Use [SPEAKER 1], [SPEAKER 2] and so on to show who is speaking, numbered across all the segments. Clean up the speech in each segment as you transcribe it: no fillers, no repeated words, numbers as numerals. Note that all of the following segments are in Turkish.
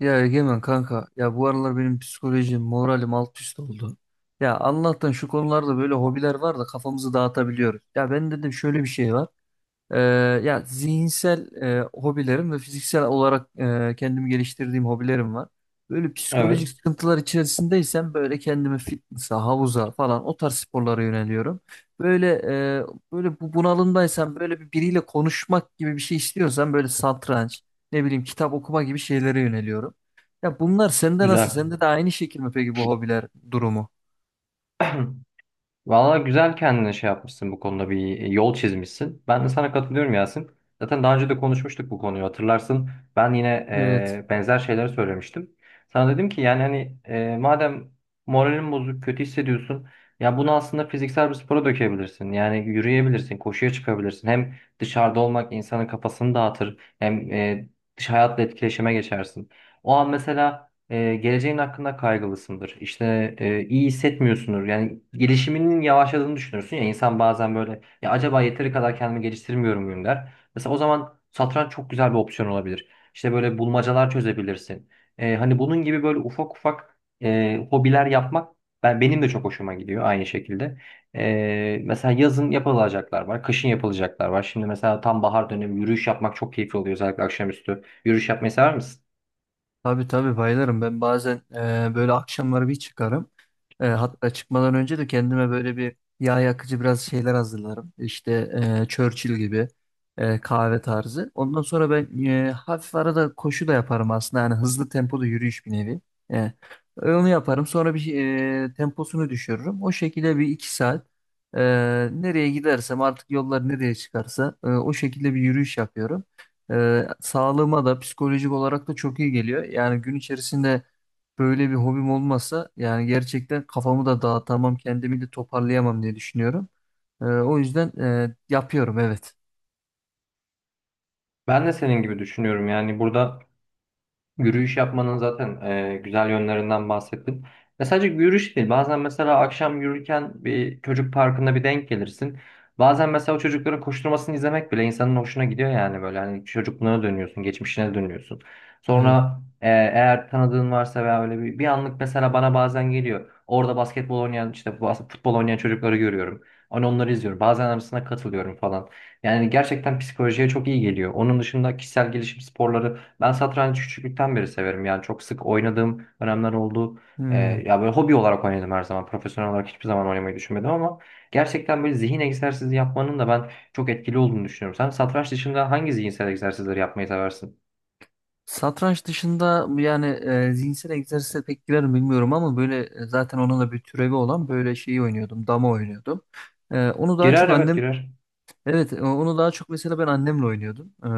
[SPEAKER 1] Ya Egemen kanka ya bu aralar benim psikolojim moralim alt üst oldu. Ya Allah'tan şu konularda böyle hobiler var da kafamızı dağıtabiliyoruz. Ya ben dedim şöyle bir şey var. Ee, Ya zihinsel hobilerim ve fiziksel olarak kendimi geliştirdiğim hobilerim var. Böyle psikolojik
[SPEAKER 2] Evet.
[SPEAKER 1] sıkıntılar içerisindeysem böyle kendimi fitness'a, havuza falan o tarz sporlara yöneliyorum. Böyle e, Böyle bunalımdaysam böyle biriyle konuşmak gibi bir şey istiyorsam böyle satranç, ne bileyim kitap okuma gibi şeylere yöneliyorum. Ya bunlar sende nasıl?
[SPEAKER 2] Güzel.
[SPEAKER 1] Sende de aynı şekil mi peki bu hobiler durumu?
[SPEAKER 2] Valla güzel kendine şey yapmışsın bu konuda bir yol çizmişsin. Ben de sana katılıyorum Yasin. Zaten daha önce de konuşmuştuk bu konuyu hatırlarsın. Ben yine
[SPEAKER 1] Evet.
[SPEAKER 2] benzer şeyleri söylemiştim. Sana dedim ki yani hani madem moralin bozuk, kötü hissediyorsun. Ya bunu aslında fiziksel bir spora dökebilirsin. Yani yürüyebilirsin, koşuya çıkabilirsin. Hem dışarıda olmak insanın kafasını dağıtır. Hem dış hayatla etkileşime geçersin. O an mesela geleceğin hakkında kaygılısındır. İşte iyi hissetmiyorsundur. Yani gelişiminin yavaşladığını düşünürsün ya insan bazen böyle ya acaba yeteri kadar kendimi geliştirmiyor muyum der. Mesela o zaman satranç çok güzel bir opsiyon olabilir. İşte böyle bulmacalar çözebilirsin. Hani bunun gibi böyle ufak ufak hobiler yapmak benim de çok hoşuma gidiyor aynı şekilde. Mesela yazın yapılacaklar var, kışın yapılacaklar var. Şimdi mesela tam bahar dönemi yürüyüş yapmak çok keyifli oluyor özellikle akşamüstü. Yürüyüş yapmayı sever misin?
[SPEAKER 1] Tabii tabii bayılırım. Ben bazen böyle akşamları bir çıkarım. E, hatta çıkmadan önce de kendime böyle bir yağ yakıcı biraz şeyler hazırlarım. Churchill gibi kahve tarzı. Ondan sonra ben hafif arada koşu da yaparım aslında. Yani hızlı tempolu yürüyüş bir nevi. E, Onu yaparım. Sonra temposunu düşürürüm. O şekilde bir iki saat e, nereye gidersem artık yollar nereye çıkarsa o şekilde bir yürüyüş yapıyorum. Sağlığıma da psikolojik olarak da çok iyi geliyor. Yani gün içerisinde böyle bir hobim olmasa yani gerçekten kafamı da dağıtamam, kendimi de toparlayamam diye düşünüyorum. O yüzden yapıyorum evet.
[SPEAKER 2] Ben de senin gibi düşünüyorum. Yani burada yürüyüş yapmanın zaten güzel yönlerinden bahsettin. Ve sadece yürüyüş değil. Bazen mesela akşam yürürken bir çocuk parkında bir denk gelirsin. Bazen mesela o çocukların koşturmasını izlemek bile insanın hoşuna gidiyor yani böyle. Hani çocukluğuna dönüyorsun, geçmişine dönüyorsun.
[SPEAKER 1] Evet.
[SPEAKER 2] Sonra eğer tanıdığın varsa veya öyle bir anlık mesela bana bazen geliyor. Orada basketbol oynayan işte futbol oynayan çocukları görüyorum. Hani onları izliyorum. Bazen arasına katılıyorum falan. Yani gerçekten psikolojiye çok iyi geliyor. Onun dışında kişisel gelişim sporları, ben satranç küçüklükten beri severim. Yani çok sık oynadığım dönemler oldu.
[SPEAKER 1] Hmm.
[SPEAKER 2] Ya böyle hobi olarak oynadım her zaman. Profesyonel olarak hiçbir zaman oynamayı düşünmedim ama gerçekten böyle zihin egzersizi yapmanın da ben çok etkili olduğunu düşünüyorum. Sen satranç dışında hangi zihinsel egzersizleri yapmayı seversin?
[SPEAKER 1] Satranç dışında yani zihinsel egzersize pek girer mi bilmiyorum ama zaten onun da bir türevi olan böyle şeyi oynuyordum, dama oynuyordum. E, onu daha
[SPEAKER 2] Girer,
[SPEAKER 1] çok
[SPEAKER 2] evet
[SPEAKER 1] annem
[SPEAKER 2] girer.
[SPEAKER 1] evet onu daha çok mesela ben annemle oynuyordum.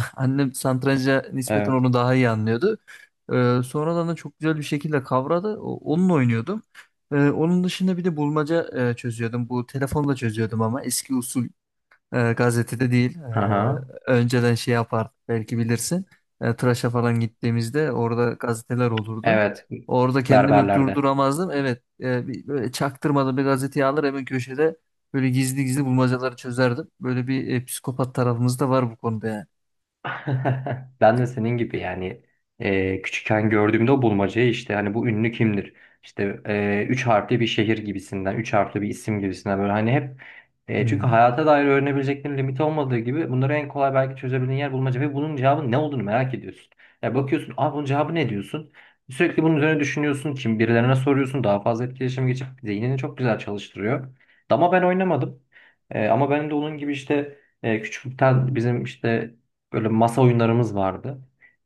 [SPEAKER 1] annem satranca nispeten
[SPEAKER 2] Evet.
[SPEAKER 1] onu daha iyi anlıyordu. Sonradan da çok güzel bir şekilde kavradı. Onunla oynuyordum. Onun dışında bir de bulmaca çözüyordum. Bu telefonla çözüyordum ama eski usul gazetede değil.
[SPEAKER 2] Aha.
[SPEAKER 1] E, önceden şey yapardık belki bilirsin. E, tıraşa falan gittiğimizde orada gazeteler olurdu.
[SPEAKER 2] Evet.
[SPEAKER 1] Orada kendimi
[SPEAKER 2] Berberlerde.
[SPEAKER 1] durduramazdım. Evet böyle çaktırmadan bir gazeteyi alır hemen köşede böyle gizli gizli bulmacaları çözerdim. Böyle bir psikopat tarafımız da var bu konuda yani.
[SPEAKER 2] Ben de senin gibi yani küçükken gördüğümde o bulmacayı işte hani bu ünlü kimdir? İşte üç harfli bir şehir gibisinden, üç harfli bir isim gibisinden böyle hani hep, çünkü
[SPEAKER 1] Hmm.
[SPEAKER 2] hayata dair öğrenebileceklerin limiti olmadığı gibi bunları en kolay belki çözebildiğin yer bulmaca ve bunun cevabı ne olduğunu merak ediyorsun. Ya bakıyorsun, "Aa bunun cevabı ne?" diyorsun. Sürekli bunun üzerine düşünüyorsun, kim birilerine soruyorsun, daha fazla etkileşim geçip zihnini çok güzel çalıştırıyor. Dama ben oynamadım. E, ama benim de onun gibi işte, küçüklükten bizim işte böyle masa oyunlarımız vardı.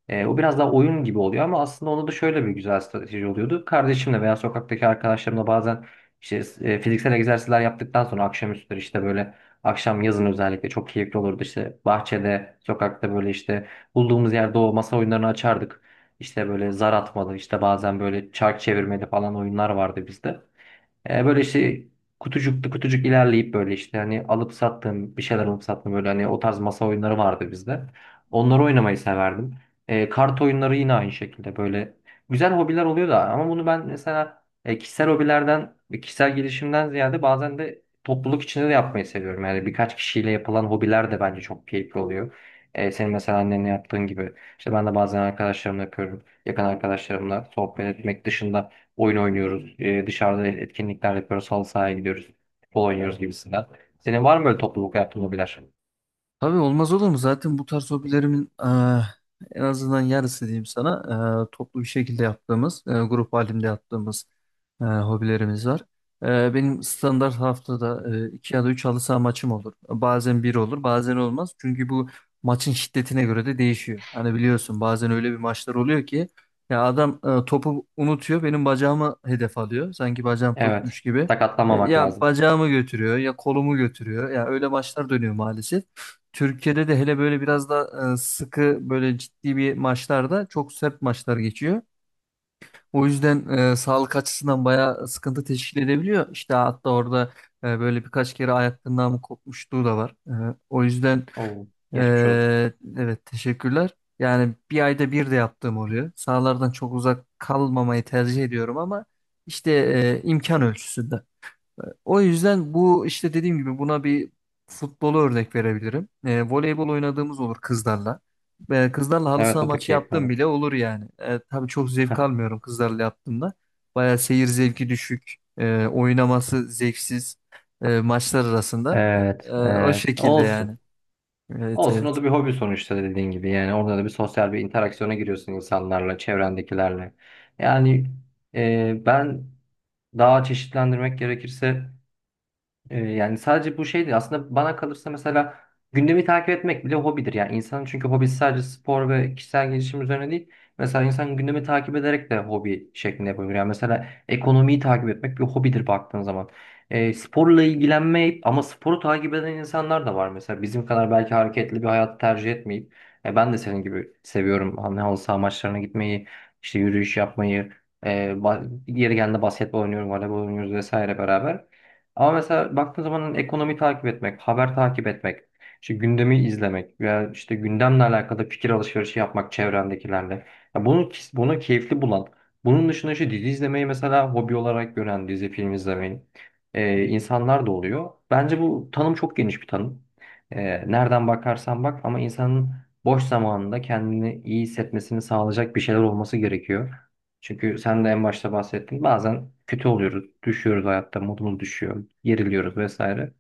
[SPEAKER 2] O biraz daha oyun gibi oluyor ama aslında onda da şöyle bir güzel strateji oluyordu. Kardeşimle veya sokaktaki arkadaşlarımla bazen işte fiziksel egzersizler yaptıktan sonra akşamüstleri işte böyle akşam yazın özellikle çok keyifli olurdu. İşte bahçede, sokakta böyle işte bulduğumuz yerde o masa oyunlarını açardık. İşte böyle zar atmalı, işte bazen böyle çark çevirmeli falan oyunlar vardı bizde. Böyle işte kutucuklu kutucuk ilerleyip böyle işte hani alıp sattığım bir şeyler alıp sattığım böyle hani o tarz masa oyunları vardı bizde. Onları oynamayı severdim. E, kart oyunları yine aynı şekilde böyle güzel hobiler oluyor da ama bunu ben mesela kişisel hobilerden ve kişisel gelişimden ziyade bazen de topluluk içinde de yapmayı seviyorum. Yani birkaç kişiyle yapılan hobiler de bence çok keyifli oluyor. Senin mesela annenle yaptığın gibi. İşte ben de bazen arkadaşlarımla yapıyorum. Yakın arkadaşlarımla sohbet etmek dışında oyun oynuyoruz. Dışarıda etkinlikler yapıyoruz. Halı sahaya gidiyoruz. Futbol oynuyoruz gibisinden. Senin var mı böyle topluluk yaptığın hobiler?
[SPEAKER 1] Tabii olmaz olur mu? Zaten bu tarz hobilerimin en azından yarısı diyeyim sana toplu bir şekilde yaptığımız, grup halinde yaptığımız hobilerimiz var. Benim standart haftada iki ya da üç halı saha maçım olur. Bazen bir olur, bazen olmaz. Çünkü bu maçın şiddetine göre de değişiyor. Hani biliyorsun bazen öyle bir maçlar oluyor ki ya adam topu unutuyor, benim bacağımı hedef alıyor. Sanki bacağım
[SPEAKER 2] Evet.
[SPEAKER 1] topmuş gibi.
[SPEAKER 2] Sakatlanmamak
[SPEAKER 1] Ya
[SPEAKER 2] lazım.
[SPEAKER 1] bacağımı götürüyor, ya kolumu götürüyor. Ya öyle maçlar dönüyor maalesef. Türkiye'de de hele böyle biraz da sıkı böyle ciddi bir maçlarda çok sert maçlar geçiyor. O yüzden sağlık açısından bayağı sıkıntı teşkil edebiliyor. İşte hatta orada böyle birkaç kere ayak mı kopmuşluğu da var. O yüzden
[SPEAKER 2] Oo,
[SPEAKER 1] e,
[SPEAKER 2] geçmiş olsun.
[SPEAKER 1] evet teşekkürler. Yani bir ayda bir de yaptığım oluyor. Sahalardan çok uzak kalmamayı tercih ediyorum ama işte imkan ölçüsünde. O yüzden bu işte dediğim gibi buna bir futbolu örnek verebilirim. E, voleybol oynadığımız olur kızlarla. E, kızlarla halı
[SPEAKER 2] Evet
[SPEAKER 1] saha
[SPEAKER 2] o da
[SPEAKER 1] maçı
[SPEAKER 2] keyifli
[SPEAKER 1] yaptığım
[SPEAKER 2] olur.
[SPEAKER 1] bile olur yani. E, tabii çok zevk almıyorum kızlarla yaptığımda. Bayağı seyir zevki düşük, oynaması zevksiz maçlar arasında.
[SPEAKER 2] Evet,
[SPEAKER 1] O
[SPEAKER 2] evet.
[SPEAKER 1] şekilde yani.
[SPEAKER 2] Olsun.
[SPEAKER 1] Evet
[SPEAKER 2] Olsun, o
[SPEAKER 1] evet.
[SPEAKER 2] da bir hobi sonuçta dediğin gibi. Yani orada da bir sosyal bir interaksiyona giriyorsun insanlarla, çevrendekilerle. Yani ben daha çeşitlendirmek gerekirse, yani sadece bu şey değil. Aslında bana kalırsa mesela gündemi takip etmek bile hobidir. Yani insanın çünkü hobisi sadece spor ve kişisel gelişim üzerine değil. Mesela insan gündemi takip ederek de hobi şeklinde yapabilir. Yani mesela ekonomiyi takip etmek bir hobidir baktığın zaman. Sporla ilgilenmeyip ama sporu takip eden insanlar da var. Mesela bizim kadar belki hareketli bir hayatı tercih etmeyip, ben de senin gibi seviyorum. Hani halı saha maçlarına gitmeyi, işte yürüyüş yapmayı. E, yeri geldiğinde basketbol oynuyorum, voleybol oynuyoruz vesaire beraber. Ama mesela baktığın zaman hani ekonomi takip etmek, haber takip etmek, işte gündemi izlemek veya işte gündemle alakalı fikir alışverişi yapmak çevrendekilerle. Ya bunu keyifli bulan, bunun dışında işte dizi izlemeyi mesela hobi olarak gören, dizi film izlemeyi insanlar da oluyor. Bence bu tanım çok geniş bir tanım. E, Nereden bakarsan bak ama insanın boş zamanında kendini iyi hissetmesini sağlayacak bir şeyler olması gerekiyor. Çünkü sen de en başta bahsettin. Bazen kötü oluyoruz, düşüyoruz hayatta, modumuz düşüyor, geriliyoruz vesaire.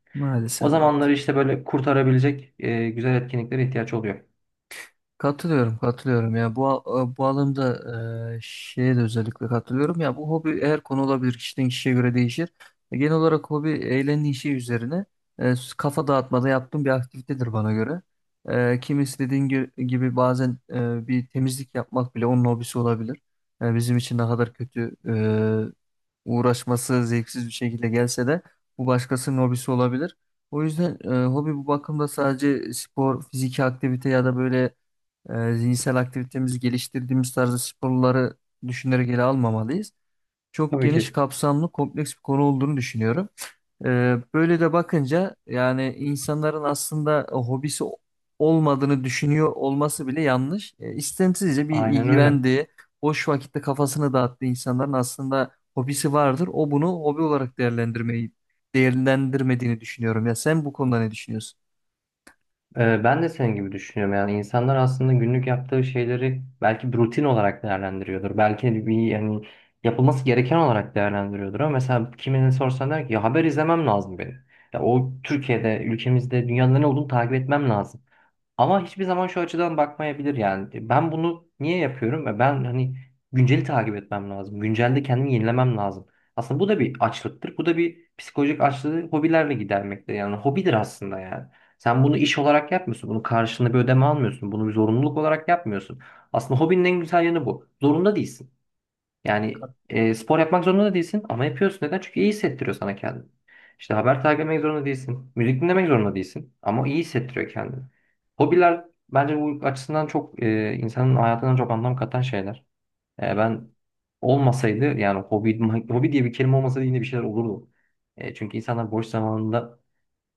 [SPEAKER 2] O
[SPEAKER 1] Maalesef evet.
[SPEAKER 2] zamanları işte böyle kurtarabilecek güzel etkinliklere ihtiyaç oluyor.
[SPEAKER 1] Katılıyorum, katılıyorum ya. Bu alımda şeye de özellikle katılıyorum. Ya bu hobi her konu olabilir. Kişiden kişiye göre değişir. E, genel olarak hobi eğlence işi üzerine kafa dağıtmada yaptığım bir aktivitedir bana göre. E, kimisi dediğin gibi bazen bir temizlik yapmak bile onun hobisi olabilir. E, bizim için ne kadar kötü uğraşması zevksiz bir şekilde gelse de bu başkasının hobisi olabilir. O yüzden hobi bu bakımda sadece spor, fiziki aktivite ya da böyle zihinsel aktivitemizi geliştirdiğimiz tarzda sporları düşünerek ele almamalıyız. Çok
[SPEAKER 2] Tabii
[SPEAKER 1] geniş
[SPEAKER 2] ki.
[SPEAKER 1] kapsamlı, kompleks bir konu olduğunu düşünüyorum. E, böyle de bakınca yani insanların aslında hobisi olmadığını düşünüyor olması bile yanlış. E, istemsizce bir
[SPEAKER 2] Aynen öyle.
[SPEAKER 1] ilgilendiği, boş vakitte kafasını dağıttığı insanların aslında hobisi vardır. O bunu hobi olarak değerlendirmediğini düşünüyorum. Ya sen bu konuda ne düşünüyorsun?
[SPEAKER 2] E, ben de senin gibi düşünüyorum. Yani insanlar aslında günlük yaptığı şeyleri belki bir rutin olarak değerlendiriyordur. Belki bir yani yapılması gereken olarak değerlendiriyordur. Ama mesela kimine sorsan der ki ya haber izlemem lazım benim. Ya o Türkiye'de, ülkemizde, dünyada ne olduğunu takip etmem lazım. Ama hiçbir zaman şu açıdan bakmayabilir yani. Ben bunu niye yapıyorum? E, ben hani günceli takip etmem lazım. Güncelde kendimi yenilemem lazım. Aslında bu da bir açlıktır. Bu da bir psikolojik açlığı hobilerle gidermekte. Yani hobidir aslında yani. Sen bunu iş olarak yapmıyorsun. Bunun karşılığında bir ödeme almıyorsun. Bunu bir zorunluluk olarak yapmıyorsun. Aslında hobinin en güzel yanı bu. Zorunda değilsin. Yani spor yapmak zorunda da değilsin ama yapıyorsun. Neden? Çünkü iyi hissettiriyor sana kendini. İşte haber takip etmek zorunda değilsin. Müzik dinlemek zorunda değilsin. Ama iyi hissettiriyor kendini. Hobiler bence bu açısından çok insanın hayatına çok anlam katan şeyler. Ben olmasaydı yani hobi diye bir kelime olmasaydı yine bir şeyler olurdu. Çünkü insanlar boş zamanında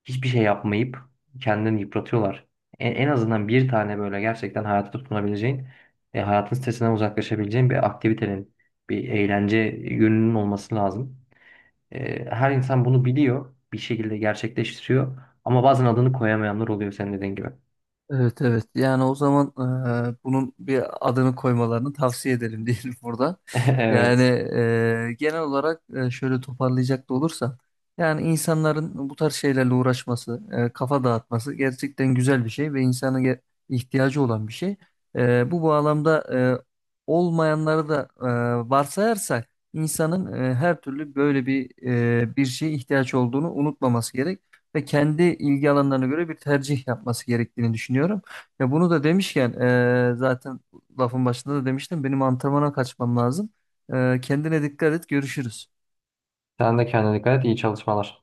[SPEAKER 2] hiçbir şey yapmayıp kendini yıpratıyorlar. En azından bir tane böyle gerçekten hayata tutunabileceğin ve hayatın stresinden uzaklaşabileceğin bir aktivitenin, bir eğlence yönünün olması lazım. Her insan bunu biliyor, bir şekilde gerçekleştiriyor ama bazen adını koyamayanlar oluyor senin dediğin gibi.
[SPEAKER 1] Evet evet yani o zaman bunun bir adını koymalarını tavsiye edelim diyelim burada. Yani
[SPEAKER 2] Evet.
[SPEAKER 1] genel olarak şöyle toparlayacak da olursam yani insanların bu tarz şeylerle uğraşması, kafa dağıtması gerçekten güzel bir şey ve insanın ihtiyacı olan bir şey. E, bu bağlamda e, olmayanları da varsayarsak insanın her türlü böyle bir şeye ihtiyaç olduğunu unutmaması gerek ve kendi ilgi alanlarına göre bir tercih yapması gerektiğini düşünüyorum. Ve bunu da demişken zaten lafın başında da demiştim benim antrenmana kaçmam lazım. E, kendine dikkat et görüşürüz.
[SPEAKER 2] Sen de kendine dikkat et, iyi çalışmalar.